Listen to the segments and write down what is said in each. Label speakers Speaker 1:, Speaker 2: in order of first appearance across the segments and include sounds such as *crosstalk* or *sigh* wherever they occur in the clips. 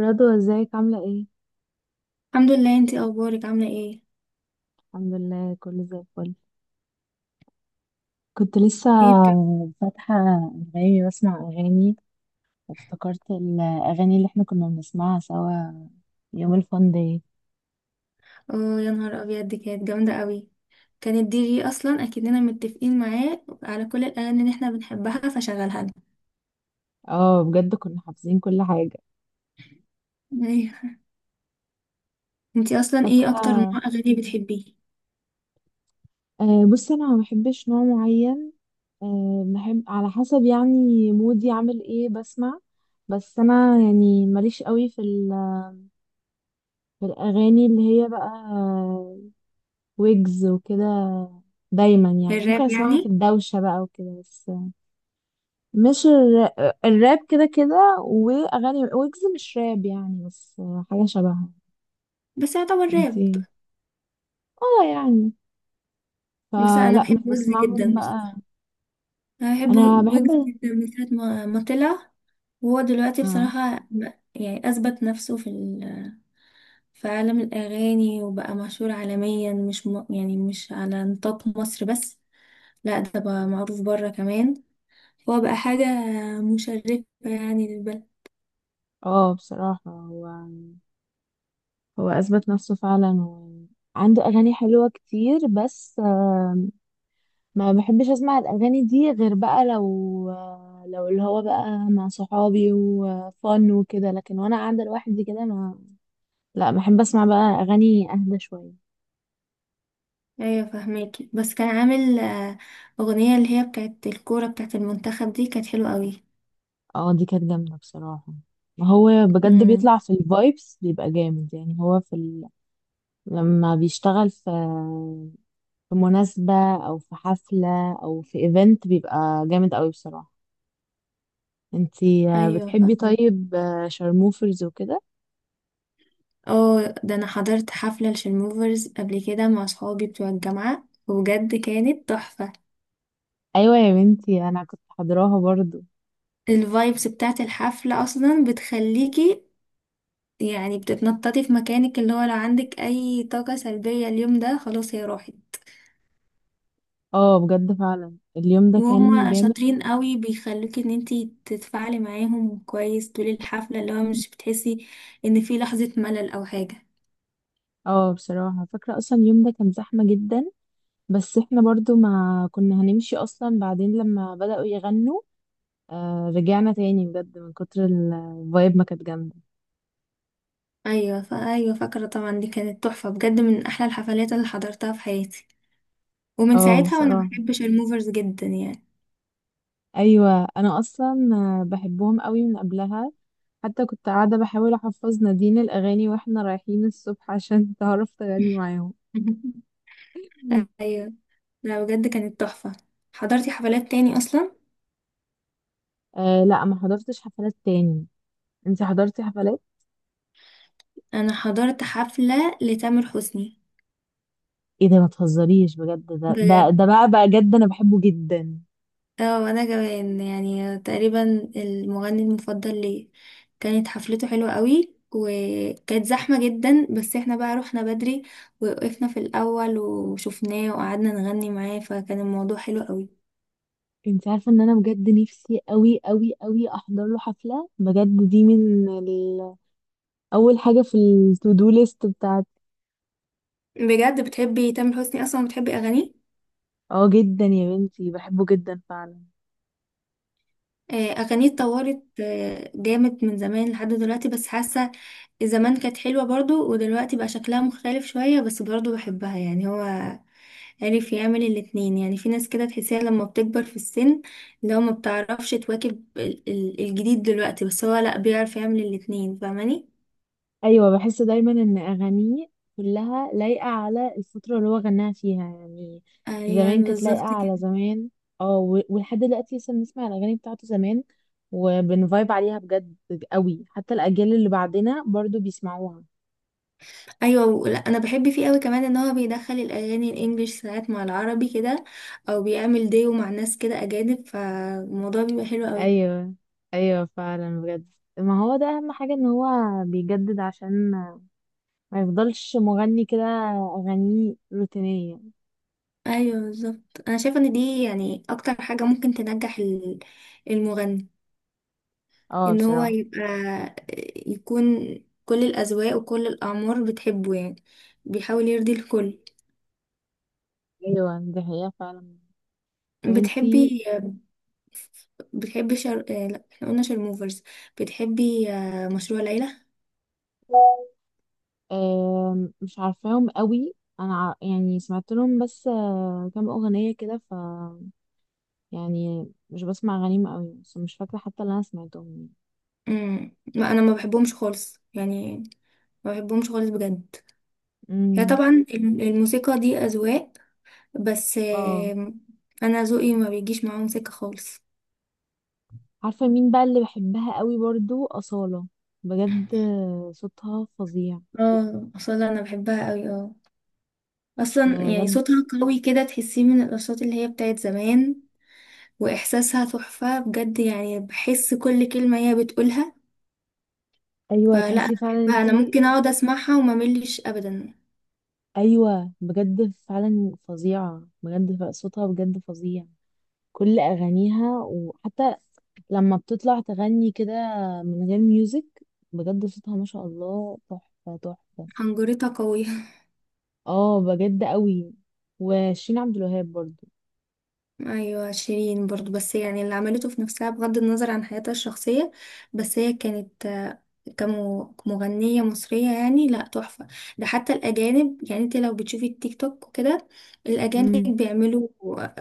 Speaker 1: رضوى، ازيك؟ عاملة ايه؟
Speaker 2: الحمد لله. انتي اخبارك عامله ايه؟
Speaker 1: الحمد لله، كله زي الفل. كنت لسه
Speaker 2: ايه بتك؟
Speaker 1: فاتحة أنغامي بسمع أغاني، وافتكرت الأغاني اللي احنا كنا بنسمعها سوا يوم الفان داي.
Speaker 2: اه يا نهار ابيض دي كانت جامده قوي. كانت دي جي اصلا اكننا متفقين معاه على كل الاغاني اللي احنا بنحبها فشغلها لنا.
Speaker 1: اه، بجد كنا حافظين كل حاجة.
Speaker 2: *laughs* ايوه. انتي اصلا
Speaker 1: فاكرة؟
Speaker 2: ايه اكتر نوع اغاني بتحبيه؟
Speaker 1: آه، بصي، انا ما بحبش نوع معين. آه، بحب على حسب يعني مودي عامل ايه بسمع. بس انا يعني ماليش قوي في الاغاني اللي هي بقى ويجز وكده. دايما يعني ممكن
Speaker 2: الراب
Speaker 1: اسمعها في
Speaker 2: يعني؟
Speaker 1: الدوشة بقى وكده بس. مش الر... الراب كده كده، واغاني ويجز مش راب يعني، بس حاجة شبهها.
Speaker 2: بس يعتبر راب.
Speaker 1: انتي؟ اه يعني،
Speaker 2: بس انا
Speaker 1: فلا مش
Speaker 2: بحب ويجز
Speaker 1: بسمعهم
Speaker 2: جدا
Speaker 1: بقى.
Speaker 2: بصراحه. انا بحب
Speaker 1: انا
Speaker 2: ويجز
Speaker 1: بحب.
Speaker 2: جدا من ساعه ما طلع. وهو دلوقتي
Speaker 1: اه.
Speaker 2: بصراحه يعني اثبت نفسه في عالم الاغاني، وبقى مشهور عالميا، مش م... يعني مش على نطاق مصر بس، لا ده بقى معروف بره كمان. هو بقى حاجة مشرفة يعني للبلد.
Speaker 1: اه، بصراحة، هو اثبت نفسه فعلا، وعنده اغاني حلوة كتير، بس ما بحبش اسمع الاغاني دي غير بقى لو، لو اللي هو بقى مع صحابي وفن وكده، لكن وانا قاعده لوحدي كده ما، لا، بحب اسمع بقى اغاني اهدى شويه.
Speaker 2: ايوه فهماكي. بس كان عامل أغنية اللي هي بتاعت الكورة بتاعت المنتخب دي كانت حلوة قوي.
Speaker 1: اه، دي كانت جامده بصراحه. ما هو بجد
Speaker 2: امم
Speaker 1: بيطلع في الفايبس بيبقى جامد، يعني هو لما بيشتغل في مناسبه او في حفله او في ايفنت بيبقى جامد قوي بصراحه. انتي
Speaker 2: ايوه
Speaker 1: بتحبي
Speaker 2: فهماكي.
Speaker 1: طيب شارموفرز وكده؟
Speaker 2: اه ده انا حضرت حفلة لشلموفرز قبل كده مع صحابي بتوع الجامعة وبجد كانت تحفة.
Speaker 1: ايوه يا بنتي، انا كنت حاضراها برضو.
Speaker 2: الفايبس بتاعت الحفلة اصلا بتخليكي يعني بتتنططي في مكانك، اللي هو لو عندك اي طاقة سلبية اليوم ده خلاص هي راحت.
Speaker 1: اه بجد، فعلا اليوم ده كان
Speaker 2: وهم
Speaker 1: جامد.
Speaker 2: شاطرين قوي، بيخلوكي ان انتي تتفاعلي معاهم كويس طول الحفلة، اللي هو مش بتحسي ان في لحظة ملل او حاجة.
Speaker 1: اه بصراحة، فاكرة اصلا اليوم ده كان زحمة جدا، بس احنا برضو ما كنا هنمشي اصلا، بعدين لما بدأوا يغنوا آه رجعنا تاني، بجد من كتر الفايب ما كانت جامدة.
Speaker 2: ايوه فا ايوه فاكرة طبعا. دي كانت تحفة بجد، من احلى الحفلات اللي حضرتها في حياتي. ومن
Speaker 1: اه
Speaker 2: ساعتها وانا
Speaker 1: بصراحة.
Speaker 2: بحب شيرموفرز جدا يعني.
Speaker 1: ايوه انا اصلا بحبهم قوي من قبلها، حتى كنت قاعدة بحاول احفظ نادين الاغاني واحنا رايحين الصبح عشان *laughs* تعرف تغني معاهم.
Speaker 2: *laughs* ايوه. لا بجد كانت تحفة. حضرتي حفلات تاني اصلا؟
Speaker 1: آه لا، ما حضرتش حفلات تاني. انت حضرتي حفلات؟
Speaker 2: انا حضرت حفلة لتامر حسني.
Speaker 1: ايه ده؟ ما تهزريش بجد، ده ده
Speaker 2: بجد.
Speaker 1: ده بقى بقى جد، انا بحبه جدا.
Speaker 2: اه وانا كمان يعني تقريبا المغني المفضل لي. كانت حفلته حلوة قوي وكانت زحمة جدا، بس احنا بقى رحنا بدري ووقفنا في الاول وشفناه وقعدنا نغني معاه، فكان الموضوع حلو قوي.
Speaker 1: انت عارفه ان انا بجد نفسي قوي قوي قوي احضر له حفله؟ بجد، دي اول حاجه في التو دو ليست بتاعتي.
Speaker 2: بجد بتحبي تامر حسني؟ اصلا بتحبي اغانيه؟
Speaker 1: اه جدا يا بنتي، بحبه جدا فعلا.
Speaker 2: اغانيه اتطورت جامد من زمان لحد دلوقتي، بس حاسة زمان كانت حلوة برضو ودلوقتي بقى شكلها مختلف شوية بس برضو بحبها. يعني هو عرف يعمل الاتنين. يعني في ناس كده تحسيها لما بتكبر في السن اللي هو ما بتعرفش تواكب الجديد دلوقتي، بس هو لا بيعرف يعمل الاتنين فاهماني.
Speaker 1: ايوه، بحس دايما ان اغانيه كلها لايقه على الفتره اللي هو غناها فيها يعني.
Speaker 2: ايوه
Speaker 1: زمان كانت لايقه
Speaker 2: بالظبط
Speaker 1: على
Speaker 2: كده.
Speaker 1: زمان. اه، و- ولحد دلوقتي لسه بنسمع الاغاني بتاعته زمان وبنفايب عليها بجد قوي، حتى الاجيال اللي بعدنا برضو بيسمعوها.
Speaker 2: ايوه لا انا بحب فيه قوي كمان ان هو بيدخل الاغاني الانجليش ساعات مع العربي كده، او بيعمل ديو مع ناس كده اجانب، فالموضوع بيبقى حلو قوي.
Speaker 1: ايوه. ايوه فعلا بجد، ما هو ده اهم حاجه، ان هو بيجدد عشان ما يفضلش مغني كده اغانيه روتينيه.
Speaker 2: ايوه بالظبط. انا شايفه ان دي يعني اكتر حاجه ممكن تنجح المغني،
Speaker 1: اه
Speaker 2: ان هو
Speaker 1: بصراحه.
Speaker 2: يبقى يكون كل الاذواق وكل الاعمار بتحبه يعني. بيحاول يرضي الكل.
Speaker 1: ايوه دي حقيقه فعلا. طب انتي؟
Speaker 2: بتحبي بتحبي شر... آه، لا احنا قلنا شرموفرز. بتحبي مشروع ليلى؟
Speaker 1: مش عارفاهم قوي. انا يعني سمعت لهم بس كام اغنيه كده، ف يعني مش بسمع اغانيهم قوي، بس مش فاكره حتى اللي انا سمعتهم يعني.
Speaker 2: ما انا ما بحبهمش خالص يعني. ما بحبهمش خالص بجد. هي
Speaker 1: امم
Speaker 2: طبعا الموسيقى دي اذواق، بس
Speaker 1: اه.
Speaker 2: انا ذوقي ما بيجيش معاهم موسيقى خالص.
Speaker 1: عارفه مين بقى اللي بحبها قوي برضو؟ اصاله. بجد صوتها فظيع.
Speaker 2: اه اصلا انا بحبها قوي، اه. اصلا يعني
Speaker 1: بجد.
Speaker 2: صوتها قوي كده، تحسيه من الاصوات اللي هي بتاعت زمان. واحساسها تحفة بجد، يعني بحس كل كلمة هي بتقولها.
Speaker 1: ايوه،
Speaker 2: فلا
Speaker 1: تحسي
Speaker 2: انا
Speaker 1: فعلا،
Speaker 2: بحبها، انا
Speaker 1: انتي؟
Speaker 2: ممكن اقعد اسمعها وما ملش ابدا.
Speaker 1: ايوه بجد فعلا فظيعه بجد، صوتها بجد فظيع. كل اغانيها، وحتى لما بتطلع تغني كده من غير ميوزك، بجد صوتها ما شاء الله تحفة تحفة.
Speaker 2: حنجرتها قوية. *laughs*
Speaker 1: اه بجد قوي. وشيرين عبد الوهاب برضو.
Speaker 2: ايوه شيرين برضو، بس يعني اللي عملته في نفسها بغض النظر عن حياتها الشخصية، بس هي كانت كمغنية مصرية يعني لا تحفة. ده حتى الأجانب، يعني انت لو بتشوفي التيك توك وكده، الأجانب
Speaker 1: امم.
Speaker 2: بيعملوا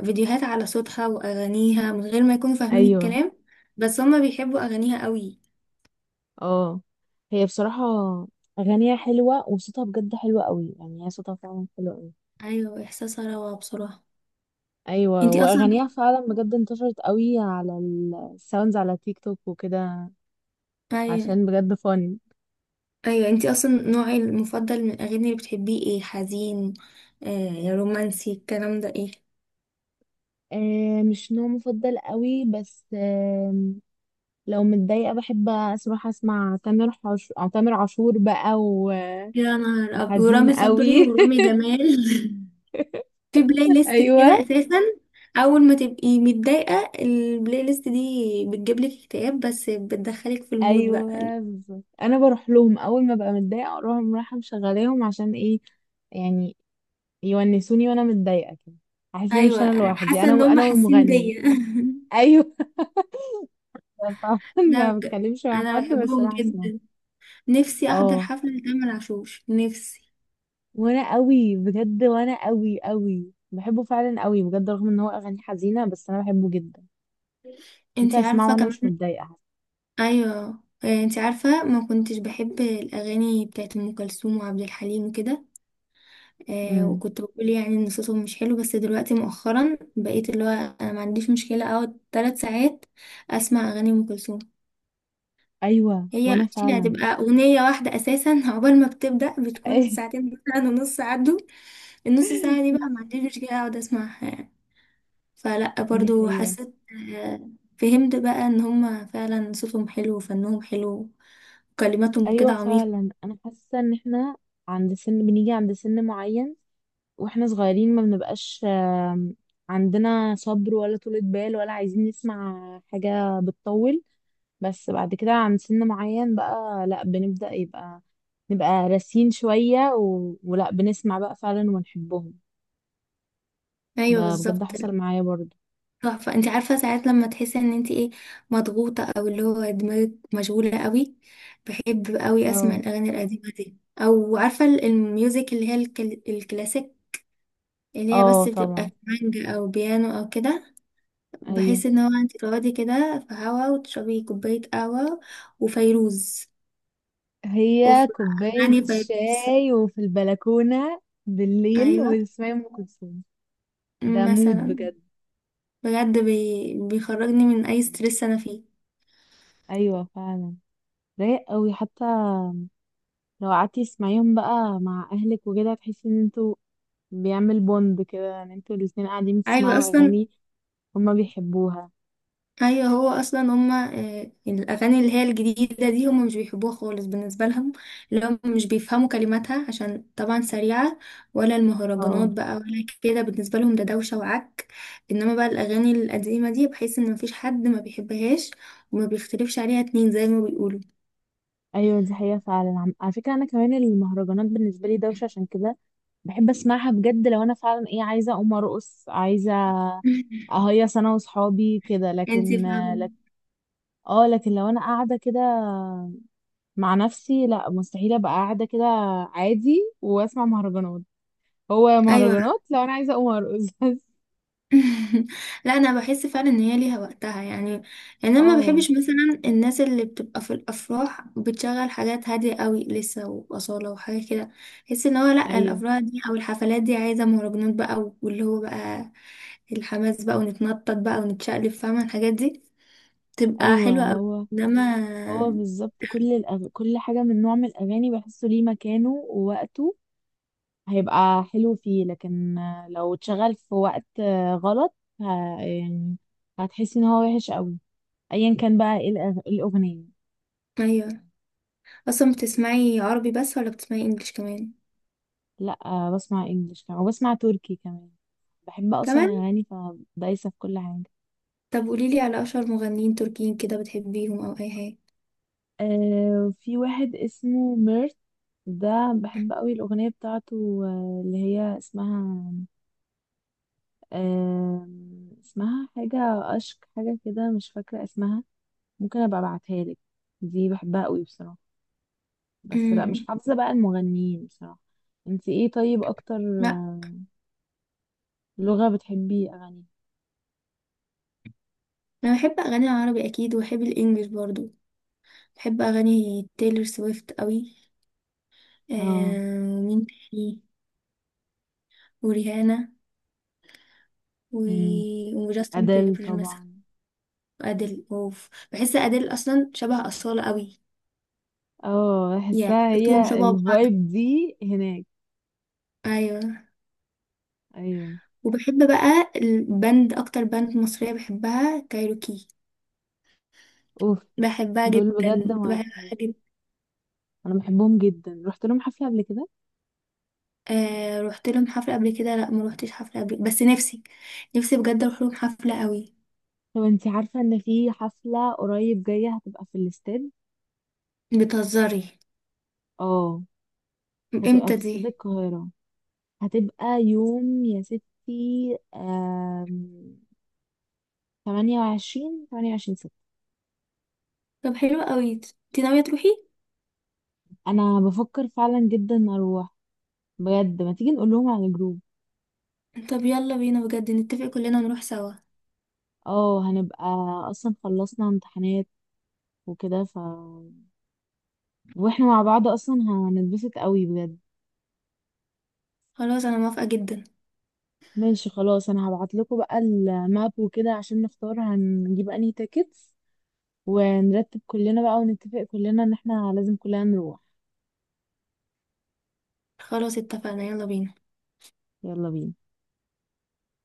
Speaker 2: فيديوهات على صوتها وأغانيها من غير ما يكونوا فاهمين
Speaker 1: ايوه.
Speaker 2: الكلام، بس هما بيحبوا أغانيها قوي.
Speaker 1: اه، هي بصراحة اغانيها حلوة وصوتها بجد حلو قوي، يعني هي صوتها فعلا حلو قوي.
Speaker 2: ايوه احساسها روعة بصراحة.
Speaker 1: ايوه،
Speaker 2: انتي اصلا،
Speaker 1: واغانيها فعلا بجد انتشرت قوي على الساوندز على تيك توك وكده.
Speaker 2: ايوه،
Speaker 1: عشان بجد فن.
Speaker 2: ايوه انتي اصلا نوعي المفضل من الاغاني اللي بتحبيه ايه؟ حزين؟ آه رومانسي؟ الكلام ده ايه؟
Speaker 1: آه مش نوع مفضل قوي، بس لو متضايقة بحب أروح أسمع أو تامر عاشور بقى.
Speaker 2: يا
Speaker 1: وحزين
Speaker 2: ورامي صبري
Speaker 1: قوي
Speaker 2: ورامي
Speaker 1: *laughs*
Speaker 2: جمال. *laughs* في بلاي ليست
Speaker 1: أيوة.
Speaker 2: كده اساسا. اول ما تبقي متضايقة البلاي ليست دي بتجيب لك اكتئاب، بس بتدخلك في المود بقى.
Speaker 1: أيوة بالظبط، أنا بروح لهم أول ما ببقى متضايقة، أروح رايحة مشغلاهم عشان إيه يعني يونسوني وأنا متضايقة كده، أحس إن مش أنا
Speaker 2: ايوه
Speaker 1: لوحدي،
Speaker 2: حاسة
Speaker 1: أنا
Speaker 2: ان هم
Speaker 1: أنا
Speaker 2: حاسين
Speaker 1: والمغني.
Speaker 2: بيا.
Speaker 1: أيوة *laughs* طبعا.
Speaker 2: *laughs* لا
Speaker 1: ما
Speaker 2: بجد
Speaker 1: بتكلمش مع
Speaker 2: انا
Speaker 1: حد، بس
Speaker 2: بحبهم
Speaker 1: راح أسمع.
Speaker 2: جدا. نفسي احضر
Speaker 1: اه،
Speaker 2: حفلة لتامر عاشور، نفسي.
Speaker 1: وأنا قوي بجد، وأنا قوي قوي بحبه فعلا قوي بجد، رغم إن هو أغاني حزينة، بس أنا بحبه جدا. ممكن
Speaker 2: انتي
Speaker 1: أسمعه
Speaker 2: عارفة
Speaker 1: وأنا مش
Speaker 2: كمان،
Speaker 1: متضايقة.
Speaker 2: ايوه، انتي عارفة ما كنتش بحب الاغاني بتاعت ام كلثوم وعبد الحليم وكده، آه
Speaker 1: امم.
Speaker 2: وكنت بقول يعني ان صوتهم مش حلو، بس دلوقتي مؤخرا بقيت اللي هو انا ما عنديش مشكلة اقعد ثلاث ساعات اسمع اغاني ام كلثوم.
Speaker 1: ايوه.
Speaker 2: هي
Speaker 1: وانا
Speaker 2: actually
Speaker 1: فعلا
Speaker 2: هتبقى اغنية واحدة اساسا *laughs* عقبال ما بتبدأ بتكون
Speaker 1: *laughs*
Speaker 2: ساعتين مثلا ونص، عدوا النص ساعة دي بقى ما عنديش مشكلة اقعد اسمعها يعني. فلا
Speaker 1: دي
Speaker 2: برضو
Speaker 1: حقيقة.
Speaker 2: حسيت، آه، فهمت بقى ان هما فعلا صوتهم حلو وفنهم حلو وكلماتهم
Speaker 1: ايوه
Speaker 2: كده عميق.
Speaker 1: فعلا انا حاسة ان احنا عند سن معين، واحنا صغيرين ما بنبقاش، عندنا صبر، ولا طولة بال، ولا عايزين نسمع حاجة بتطول. بس بعد كده عند سن معين بقى لا، بنبدأ يبقى نبقى راسين شوية ولا بنسمع بقى فعلا ونحبهم. ده
Speaker 2: ايوه
Speaker 1: بجد
Speaker 2: بالظبط.
Speaker 1: حصل معايا برضه.
Speaker 2: تحفه. انت عارفه ساعات لما تحسي ان انت ايه، مضغوطه او اللي هو دماغك مشغوله قوي، بحب قوي اسمع
Speaker 1: اه.
Speaker 2: الاغاني القديمه دي، او عارفه الميوزك اللي هي الكلاسيك، اللي هي
Speaker 1: اه
Speaker 2: بس
Speaker 1: طبعا.
Speaker 2: بتبقى مانجا او بيانو او كده،
Speaker 1: ايوه،
Speaker 2: بحيث ان هو انت تقعدي كده في هوا وتشربي كوبايه قهوه. وفيروز،
Speaker 1: هي
Speaker 2: وفي
Speaker 1: كوباية
Speaker 2: أغاني فيروز،
Speaker 1: شاي وفي البلكونة بالليل
Speaker 2: أيوة،
Speaker 1: وتسمعي أم كلثوم. ده مود
Speaker 2: مثلا،
Speaker 1: بجد.
Speaker 2: بجد بيخرجني من أي ستريس أنا فيه.
Speaker 1: أيوة فعلا. رايق قوي، حتى لو قعدتي تسمعيهم بقى مع أهلك وكده، تحسي إن انتوا بيعمل بوند كده، إن انتوا الاتنين قاعدين
Speaker 2: أيوة
Speaker 1: بتسمعوا
Speaker 2: أصلا،
Speaker 1: أغاني هما بيحبوها.
Speaker 2: أيوة، هو أصلا هما الأغاني اللي هي الجديدة دي هما مش بيحبوها خالص، بالنسبة لهم اللي هم مش بيفهموا كلماتها عشان طبعا سريعة، ولا المهرجانات
Speaker 1: اه.
Speaker 2: بقى، ولا كده بالنسبة لهم ده دوشة وعك. إنما بقى الأغاني القديمة دي بحيث إن مفيش حد ما بيحبهاش وما بيختلفش عليها اتنين زي ما بيقولوا.
Speaker 1: أيوة دي حقيقة فعلا. على فكرة، أنا كمان المهرجانات بالنسبة لي دوشة، عشان كده بحب أسمعها بجد لو أنا فعلا إيه، عايزة أقوم أرقص، عايزة
Speaker 2: *laughs*
Speaker 1: أهيص أنا وصحابي كده.
Speaker 2: انتي
Speaker 1: لكن
Speaker 2: فاهمة؟
Speaker 1: اه، لكن لو انا قاعده كده مع نفسي، لا مستحيل ابقى قاعده كده عادي واسمع مهرجانات. هو
Speaker 2: ايوه.
Speaker 1: مهرجانات لو انا عايزه اقوم ارقص *laughs* بس.
Speaker 2: *laughs* لا انا بحس فعلا ان هي ليها وقتها يعني. يعني انا ما
Speaker 1: اه.
Speaker 2: بحبش مثلا الناس اللي بتبقى في الافراح بتشغل حاجات هاديه قوي لسه واصاله وحاجه كده. بحس ان هو لا،
Speaker 1: ايوه.
Speaker 2: الافراح دي او الحفلات دي عايزه مهرجانات بقى، واللي هو بقى الحماس بقى ونتنطط بقى ونتشقلب، فاهمه الحاجات دي تبقى
Speaker 1: ايوه.
Speaker 2: حلوه قوي.
Speaker 1: هو
Speaker 2: انما،
Speaker 1: بالظبط، كل حاجه من نوع من الاغاني بحسه ليه مكانه ووقته، هيبقى حلو فيه. لكن لو اتشغل في وقت غلط، ه... يعني هتحسي ان هو وحش قوي، ايا كان بقى ايه الاغنيه.
Speaker 2: ايوه. اصلا بتسمعي عربي بس ولا بتسمعي انجليش كمان؟
Speaker 1: لا بسمع انجلش كمان، وبسمع تركي كمان. بحب
Speaker 2: كمان.
Speaker 1: اصلا اغاني، فدايسه في كل حاجه.
Speaker 2: طب قوليلي على اشهر مغنيين تركيين كده بتحبيهم او اي حاجه.
Speaker 1: آه في واحد اسمه ميرت، ده بحب قوي الاغنيه بتاعته اللي هي اسمها، آه اسمها حاجه، اشك حاجه كده، مش فاكره اسمها. ممكن ابقى ابعتها لك. دي بحبها قوي بصراحه. بس لا، مش
Speaker 2: امم
Speaker 1: حافظه بقى المغنيين بصراحه. انت ايه طيب اكتر آه، لغه بتحبي اغاني؟
Speaker 2: انا بحب اغاني العربي اكيد، وبحب الانجليش برضو. بحب اغاني تايلور سويفت قوي.
Speaker 1: اه.
Speaker 2: آه ومين تاني؟ وريهانا، و...
Speaker 1: أمم.
Speaker 2: وجاستن
Speaker 1: ادل
Speaker 2: بيبر مثلا،
Speaker 1: طبعا.
Speaker 2: وادل. اوف، بحس ادل اصلا شبه اصالة قوي.
Speaker 1: اه،
Speaker 2: يعني
Speaker 1: بحسها
Speaker 2: صوتهم شبه
Speaker 1: هي
Speaker 2: بعض.
Speaker 1: الفايب دي هناك.
Speaker 2: ايوه.
Speaker 1: ايوه.
Speaker 2: وبحب بقى البند، اكتر بند مصرية بحبها كايروكي.
Speaker 1: اوف.
Speaker 2: بحبها
Speaker 1: دول بجد
Speaker 2: جدا،
Speaker 1: ما
Speaker 2: بحبها
Speaker 1: يفهمش،
Speaker 2: جدا.
Speaker 1: انا بحبهم جدا، رحت لهم حفله قبل كده.
Speaker 2: آه رحت لهم حفلة قبل كده؟ لا ما روحتش حفلة قبل، بس نفسي. نفسي بجد اروح لهم حفلة قوي.
Speaker 1: طب انتي عارفه ان في حفله قريب جايه هتبقى في الاستاد؟
Speaker 2: بتهزري؟
Speaker 1: اه، هتبقى
Speaker 2: امتى
Speaker 1: في استاد
Speaker 2: دي؟
Speaker 1: القاهره. هتبقى يوم يا ستي 28 ستة.
Speaker 2: طب حلو قوي. انت ناوية تروحي؟
Speaker 1: انا بفكر فعلا جدا اروح، بجد ما تيجي نقول لهم على الجروب.
Speaker 2: طب يلا بينا بجد، نتفق كلنا ونروح سوا.
Speaker 1: اه هنبقى، اصلا خلصنا امتحانات وكده، واحنا مع بعض اصلا هنتبسط قوي بجد.
Speaker 2: خلاص انا موافقة جدا.
Speaker 1: ماشي خلاص، انا هبعت لكم بقى الماب وكده عشان نختار هنجيب انهي تيكتس، ونرتب كلنا بقى ونتفق كلنا ان احنا لازم كلنا نروح.
Speaker 2: خلاص اتفقنا، يلا بينا.
Speaker 1: يلا بينا.